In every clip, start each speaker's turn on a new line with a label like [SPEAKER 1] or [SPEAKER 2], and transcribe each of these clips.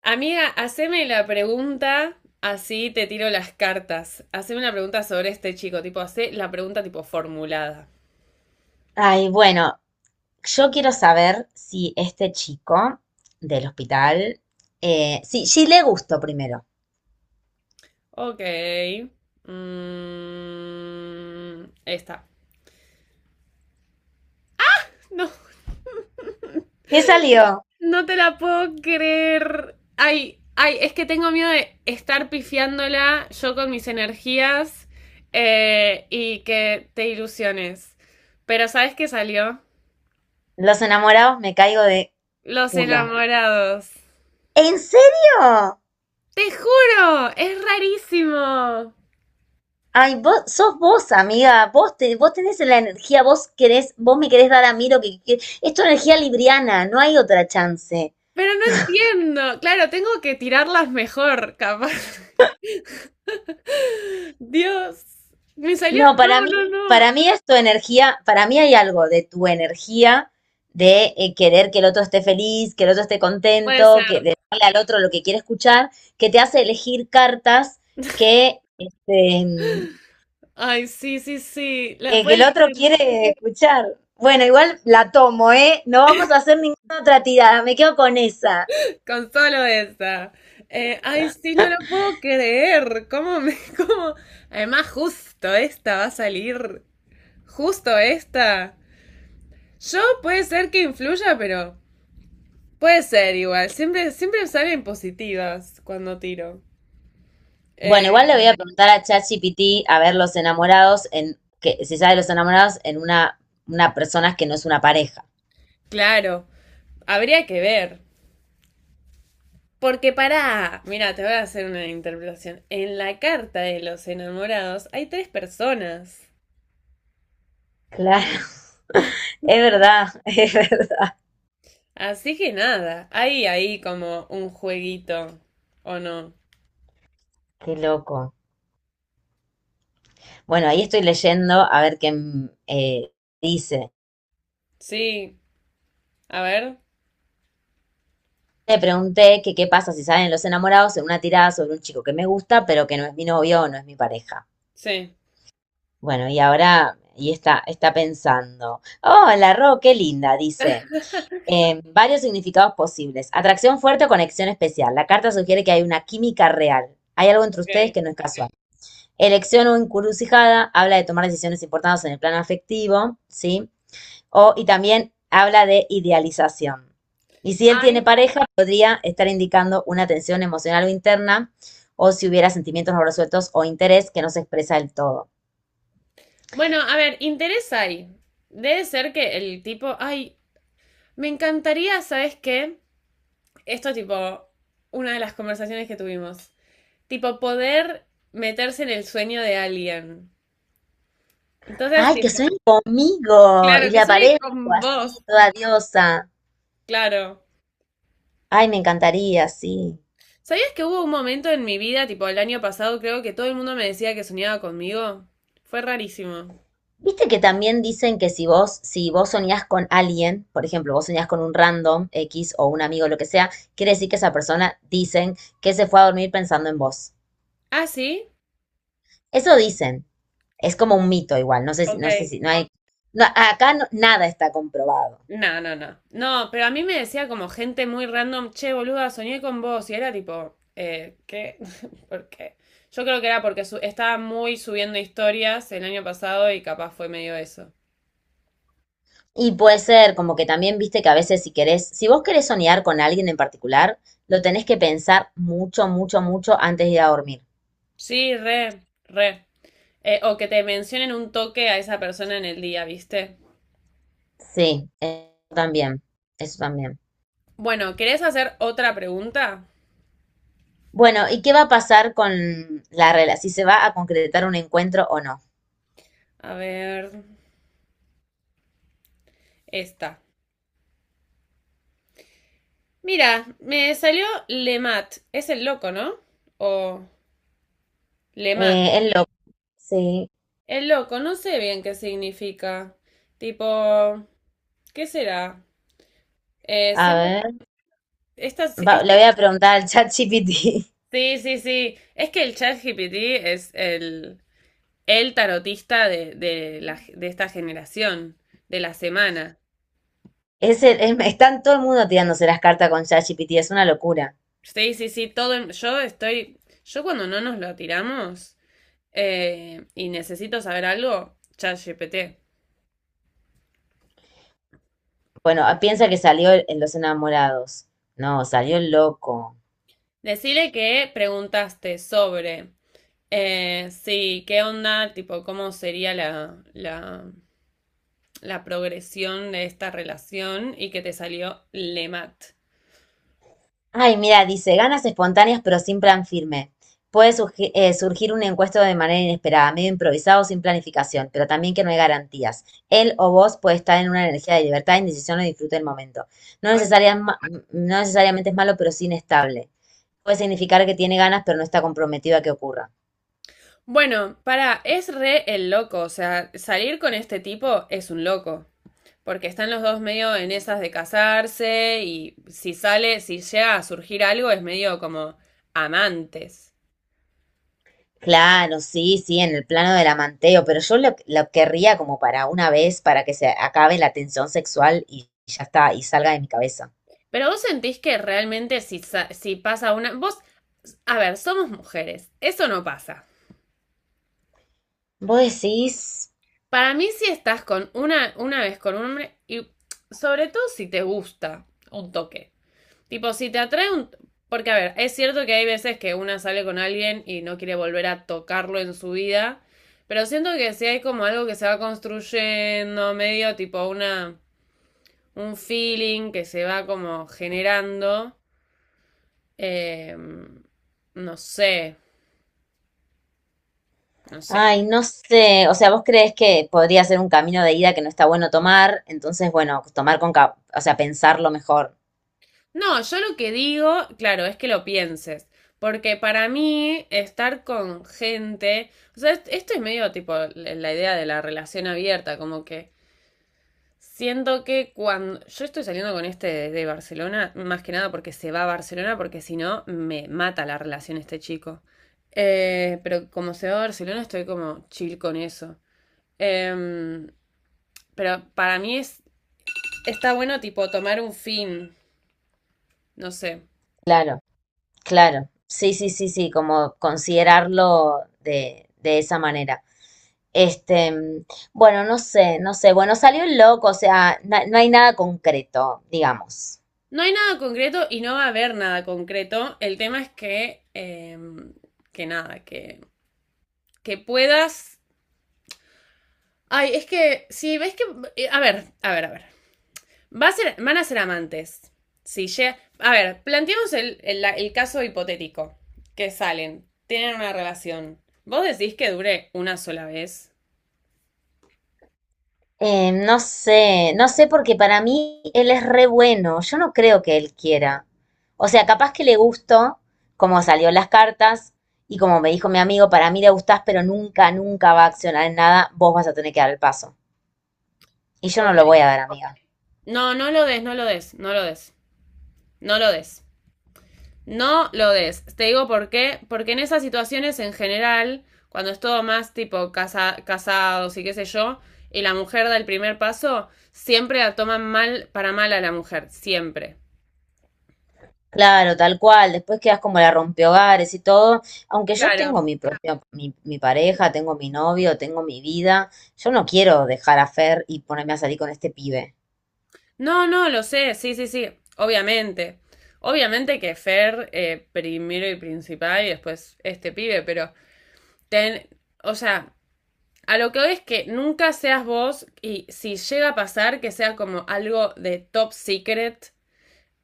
[SPEAKER 1] Amiga, haceme la pregunta, así te tiro las cartas. Haceme una pregunta sobre este chico, tipo, hacé la pregunta tipo formulada.
[SPEAKER 2] Ay, bueno, yo quiero saber si este chico del hospital, sí le gustó primero.
[SPEAKER 1] Ok. Mm, esta. No,
[SPEAKER 2] ¿Qué salió?
[SPEAKER 1] no, te la puedo creer. Ay, ay, es que tengo miedo de estar pifiándola yo con mis energías y que te ilusiones. Pero ¿sabes qué salió?
[SPEAKER 2] Los enamorados, me caigo de
[SPEAKER 1] Los
[SPEAKER 2] culo.
[SPEAKER 1] enamorados.
[SPEAKER 2] ¿En serio?
[SPEAKER 1] Te juro, es rarísimo.
[SPEAKER 2] Ay, vos sos vos, amiga. Vos, te, vos tenés la energía, vos querés, vos me querés dar a mí lo que- es tu energía libriana, no hay otra chance.
[SPEAKER 1] Pero no entiendo. Claro, tengo que tirarlas mejor, capaz. Dios, me salió.
[SPEAKER 2] No,
[SPEAKER 1] No,
[SPEAKER 2] para
[SPEAKER 1] no,
[SPEAKER 2] mí,
[SPEAKER 1] no.
[SPEAKER 2] para mí es tu energía, para mí hay algo de tu energía de querer que el otro esté feliz, que el otro esté
[SPEAKER 1] Puede
[SPEAKER 2] contento, que
[SPEAKER 1] ser.
[SPEAKER 2] de darle al otro lo que quiere escuchar, que te hace elegir cartas que,
[SPEAKER 1] Ay, sí, sí, sí. La
[SPEAKER 2] que el
[SPEAKER 1] puede
[SPEAKER 2] otro
[SPEAKER 1] ser.
[SPEAKER 2] quiere escuchar. Bueno, igual la tomo, ¿eh? No vamos a hacer ninguna otra tirada, me quedo con esa.
[SPEAKER 1] Con solo esa. Ay, sí, no lo puedo creer. ¿Cómo me, cómo? Además, justo esta va a salir. Justo esta. Yo puede ser que influya, pero puede ser igual. Siempre, siempre salen positivas cuando tiro.
[SPEAKER 2] Bueno, igual
[SPEAKER 1] Eh,
[SPEAKER 2] le voy a preguntar a ChatGPT a ver los enamorados en, que se sabe los enamorados en una persona que no es una pareja.
[SPEAKER 1] claro. Habría que ver. Porque pará, mira, te voy a hacer una interpretación. En la carta de los enamorados hay tres personas.
[SPEAKER 2] Claro. Es verdad, es verdad.
[SPEAKER 1] Así que nada, hay ahí como un jueguito, ¿o no?
[SPEAKER 2] Qué loco. Bueno, ahí estoy leyendo a ver qué dice.
[SPEAKER 1] Sí, a ver,
[SPEAKER 2] Le pregunté que qué pasa si salen los enamorados en una tirada sobre un chico que me gusta, pero que no es mi novio o no es mi pareja.
[SPEAKER 1] sí.
[SPEAKER 2] Bueno, y ahora, y está pensando. Hola, Ro, qué linda, dice. Varios significados posibles. Atracción fuerte o conexión especial. La carta sugiere que hay una química real. Hay algo entre ustedes
[SPEAKER 1] Ok.
[SPEAKER 2] que no es casual. Elección o encrucijada, habla de tomar decisiones importantes en el plano afectivo, ¿sí? O, y también habla de idealización. Y si él tiene
[SPEAKER 1] Ay.
[SPEAKER 2] pareja, podría estar indicando una tensión emocional o interna, o si hubiera sentimientos no resueltos o interés que no se expresa del todo.
[SPEAKER 1] Bueno, a ver, interés hay. Debe ser que el tipo, ay, me encantaría, ¿sabes qué? Esto tipo, una de las conversaciones que tuvimos. Tipo, poder meterse en el sueño de alguien. Entonces,
[SPEAKER 2] ¡Ay, que
[SPEAKER 1] tipo,
[SPEAKER 2] sueñe conmigo! Y
[SPEAKER 1] claro,
[SPEAKER 2] le
[SPEAKER 1] que soy
[SPEAKER 2] aparezco
[SPEAKER 1] con vos,
[SPEAKER 2] así, toda diosa.
[SPEAKER 1] claro.
[SPEAKER 2] Ay, me encantaría, sí.
[SPEAKER 1] ¿Sabías que hubo un momento en mi vida, tipo el año pasado, creo que todo el mundo me decía que soñaba conmigo? Fue rarísimo.
[SPEAKER 2] Viste que también dicen que si vos, si vos soñás con alguien, por ejemplo, vos soñás con un random X o un amigo, lo que sea, quiere decir que esa persona dicen que se fue a dormir pensando en vos.
[SPEAKER 1] ¿Ah, sí?
[SPEAKER 2] Eso dicen. Es como un mito igual. No sé si, no sé
[SPEAKER 1] Ok.
[SPEAKER 2] si, no hay, no, acá no- nada está comprobado.
[SPEAKER 1] No, no, no. No, pero a mí me decía como gente muy random, che, boluda, soñé con vos. Y era tipo, ¿qué? ¿Por qué? Yo creo que era porque estaba muy subiendo historias el año pasado y capaz fue medio eso.
[SPEAKER 2] Y puede ser como que también viste que a veces si querés, si vos querés soñar con alguien en particular, lo tenés que pensar mucho, mucho, mucho antes de ir a dormir.
[SPEAKER 1] Sí, re, re. O que te mencionen un toque a esa persona en el día, ¿viste?
[SPEAKER 2] Sí, eso también, eso también.
[SPEAKER 1] Bueno, ¿querés hacer otra pregunta?
[SPEAKER 2] Bueno, ¿y qué va a pasar con la relación? Si se va a concretar un encuentro o no.
[SPEAKER 1] A ver, esta. Mira, me salió Lemat. Es el loco, ¿no? O Lemat.
[SPEAKER 2] Es loco. Sí,
[SPEAKER 1] El loco, no sé bien qué significa. Tipo, ¿qué será? Eh,
[SPEAKER 2] a
[SPEAKER 1] siento-
[SPEAKER 2] ver.
[SPEAKER 1] esta,
[SPEAKER 2] Va- le
[SPEAKER 1] esta-
[SPEAKER 2] voy a preguntar al chat GPT.
[SPEAKER 1] sí, sí, sí. Es que el chat GPT es el tarotista de esta generación, de la semana.
[SPEAKER 2] Es el- es- están todo el mundo tirándose las cartas con ChatGPT, es una locura.
[SPEAKER 1] Sí, sí, sí, todo. Yo estoy. Yo cuando no nos lo tiramos y necesito saber algo, ChatGPT.
[SPEAKER 2] Bueno, ah, piensa que salió en Los Enamorados. No, salió el loco.
[SPEAKER 1] Decirle que preguntaste sobre. Sí, ¿qué onda? Tipo, ¿cómo sería la progresión de esta relación? Y que te salió Lemat.
[SPEAKER 2] Ay, mira, dice, ganas espontáneas pero sin plan firme. Puede surgi- surgir un encuesto de manera inesperada, medio improvisado, sin planificación, pero también que no hay garantías. Él o vos puede estar en una energía de libertad, indecisión o disfrute del momento. No
[SPEAKER 1] Ay.
[SPEAKER 2] necesaria- ma- no necesariamente es malo, pero sí inestable. Puede significar que tiene ganas, pero no está comprometido a que ocurra.
[SPEAKER 1] Bueno, para, es re el loco. O sea, salir con este tipo es un loco. Porque están los dos medio en esas de casarse y si sale, si llega a surgir algo es medio como amantes.
[SPEAKER 2] Claro, sí, sí, en el plano del amanteo, pero yo lo querría como para una vez, para que se acabe la tensión sexual y ya está, y salga de mi cabeza.
[SPEAKER 1] Pero vos sentís que realmente si, si pasa una... Vos, a ver, somos mujeres, eso no pasa.
[SPEAKER 2] Vos decís,
[SPEAKER 1] Para mí si estás con una vez con un hombre y sobre todo si te gusta un toque. Tipo, si te atrae un... Porque, a ver, es cierto que hay veces que una sale con alguien y no quiere volver a tocarlo en su vida, pero siento que si hay como algo que se va construyendo, medio tipo una... un feeling que se va como generando, eh, no sé, no sé.
[SPEAKER 2] ay, no sé, o sea, vos crees que podría ser un camino de ida que no está bueno tomar, entonces, bueno, tomar con, ca- o sea, pensarlo mejor.
[SPEAKER 1] No, yo lo que digo, claro, es que lo pienses. Porque para mí, estar con gente. O sea, esto es medio tipo la idea de la relación abierta, como que siento que cuando yo estoy saliendo con este desde Barcelona, más que nada porque se va a Barcelona, porque si no me mata la relación este chico. Pero como se va a Barcelona, estoy como chill con eso. Em, pero para mí es, está bueno tipo tomar un fin, no sé.
[SPEAKER 2] Claro. Claro, sí, sí, sí, sí, como considerarlo de esa manera. Este, mm, bueno, no sé, no sé. Bueno, salió el loco, o sea, na- no hay nada concreto, digamos.
[SPEAKER 1] No hay nada concreto y no va a haber nada concreto. El tema es que, que nada, que puedas... Ay, es que si ves que... a ver, a ver, a ver. Va a ser, van a ser amantes. Si llega- a ver, planteemos el caso hipotético. Que salen, tienen una relación. ¿Vos decís que dure una sola vez?
[SPEAKER 2] No sé, no sé porque para mí él es re bueno. Yo no creo que él quiera. O sea, capaz que le gustó como salió en las cartas y como me dijo mi amigo, para mí le gustás, pero nunca, nunca va a accionar en nada, vos vas a tener que dar el paso. Y yo no
[SPEAKER 1] Ok.
[SPEAKER 2] lo voy a dar, amiga.
[SPEAKER 1] No, no lo des, no lo des, no lo des, no lo des. No lo des. Te digo por qué. Porque en esas situaciones en general, cuando es todo más tipo casa, casados y qué sé yo, y la mujer da el primer paso, siempre la toman mal para mal a la mujer. Siempre.
[SPEAKER 2] Claro, tal cual. Después quedas como la rompehogares y todo. Aunque yo
[SPEAKER 1] Claro.
[SPEAKER 2] tengo mi propia, mi pareja, tengo mi novio, tengo mi vida. Yo no quiero dejar a Fer y ponerme a salir con este pibe.
[SPEAKER 1] No, no, lo sé, sí, sí, sí, obviamente. Obviamente que Fer primero y principal y después este pibe, pero ten, o sea, a lo que hoy es que nunca seas vos y si llega a pasar que sea como algo de top secret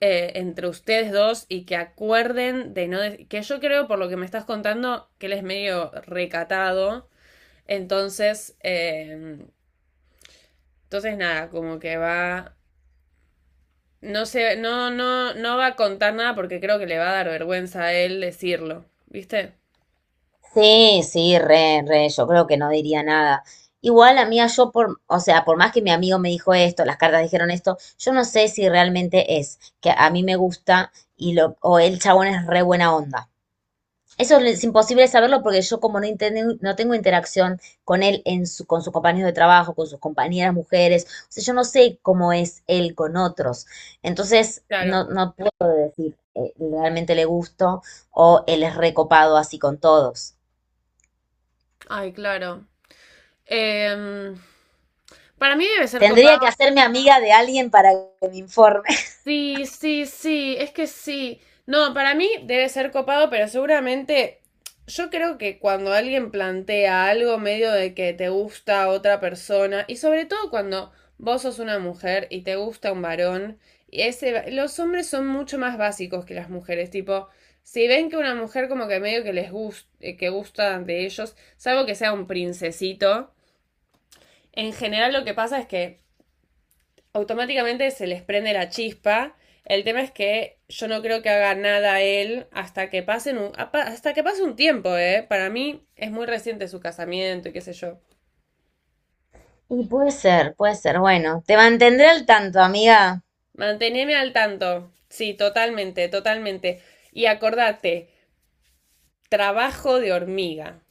[SPEAKER 1] entre ustedes dos y que acuerden de no, de- que yo creo por lo que me estás contando que él es medio recatado, entonces, entonces nada, como que va. No sé, no, no, no va a contar nada porque creo que le va a dar vergüenza a él decirlo, ¿viste?
[SPEAKER 2] Sí, sí, re, re, yo creo que no diría nada. Igual, amiga, yo por, o sea, por más que mi amigo me dijo esto, las cartas dijeron esto, yo no sé si realmente es que a mí me gusta y lo, o el chabón es re buena onda. Eso es imposible saberlo porque yo como no, inten- no tengo interacción con él, en su, con sus compañeros de trabajo, con sus compañeras mujeres, o sea, yo no sé cómo es él con otros. Entonces,
[SPEAKER 1] Claro.
[SPEAKER 2] no, no puedo decir realmente le gusto o él es recopado así con todos.
[SPEAKER 1] Ay, claro. Em, para mí debe ser
[SPEAKER 2] Tendría
[SPEAKER 1] copado.
[SPEAKER 2] que hacerme amiga de alguien para que me informe.
[SPEAKER 1] Sí, sí, sí, es que sí. No, para mí debe ser copado, pero seguramente yo creo que cuando alguien plantea algo medio de que te gusta otra persona, y sobre todo cuando vos sos una mujer y te gusta un varón, y ese, los hombres son mucho más básicos que las mujeres, tipo, si ven que una mujer como que medio que les gusta, que gusta de ellos, salvo que sea un princesito, en general lo que pasa es que automáticamente se les prende la chispa. El tema es que yo no creo que haga nada él hasta que pasen un, hasta que pase un tiempo, ¿eh? Para mí es muy reciente su casamiento y qué sé yo.
[SPEAKER 2] Y puede ser, puede ser. Bueno, te mantendré al tanto, amiga.
[SPEAKER 1] Manteneme al tanto. Sí, totalmente, totalmente. Y acordate, trabajo de hormiga.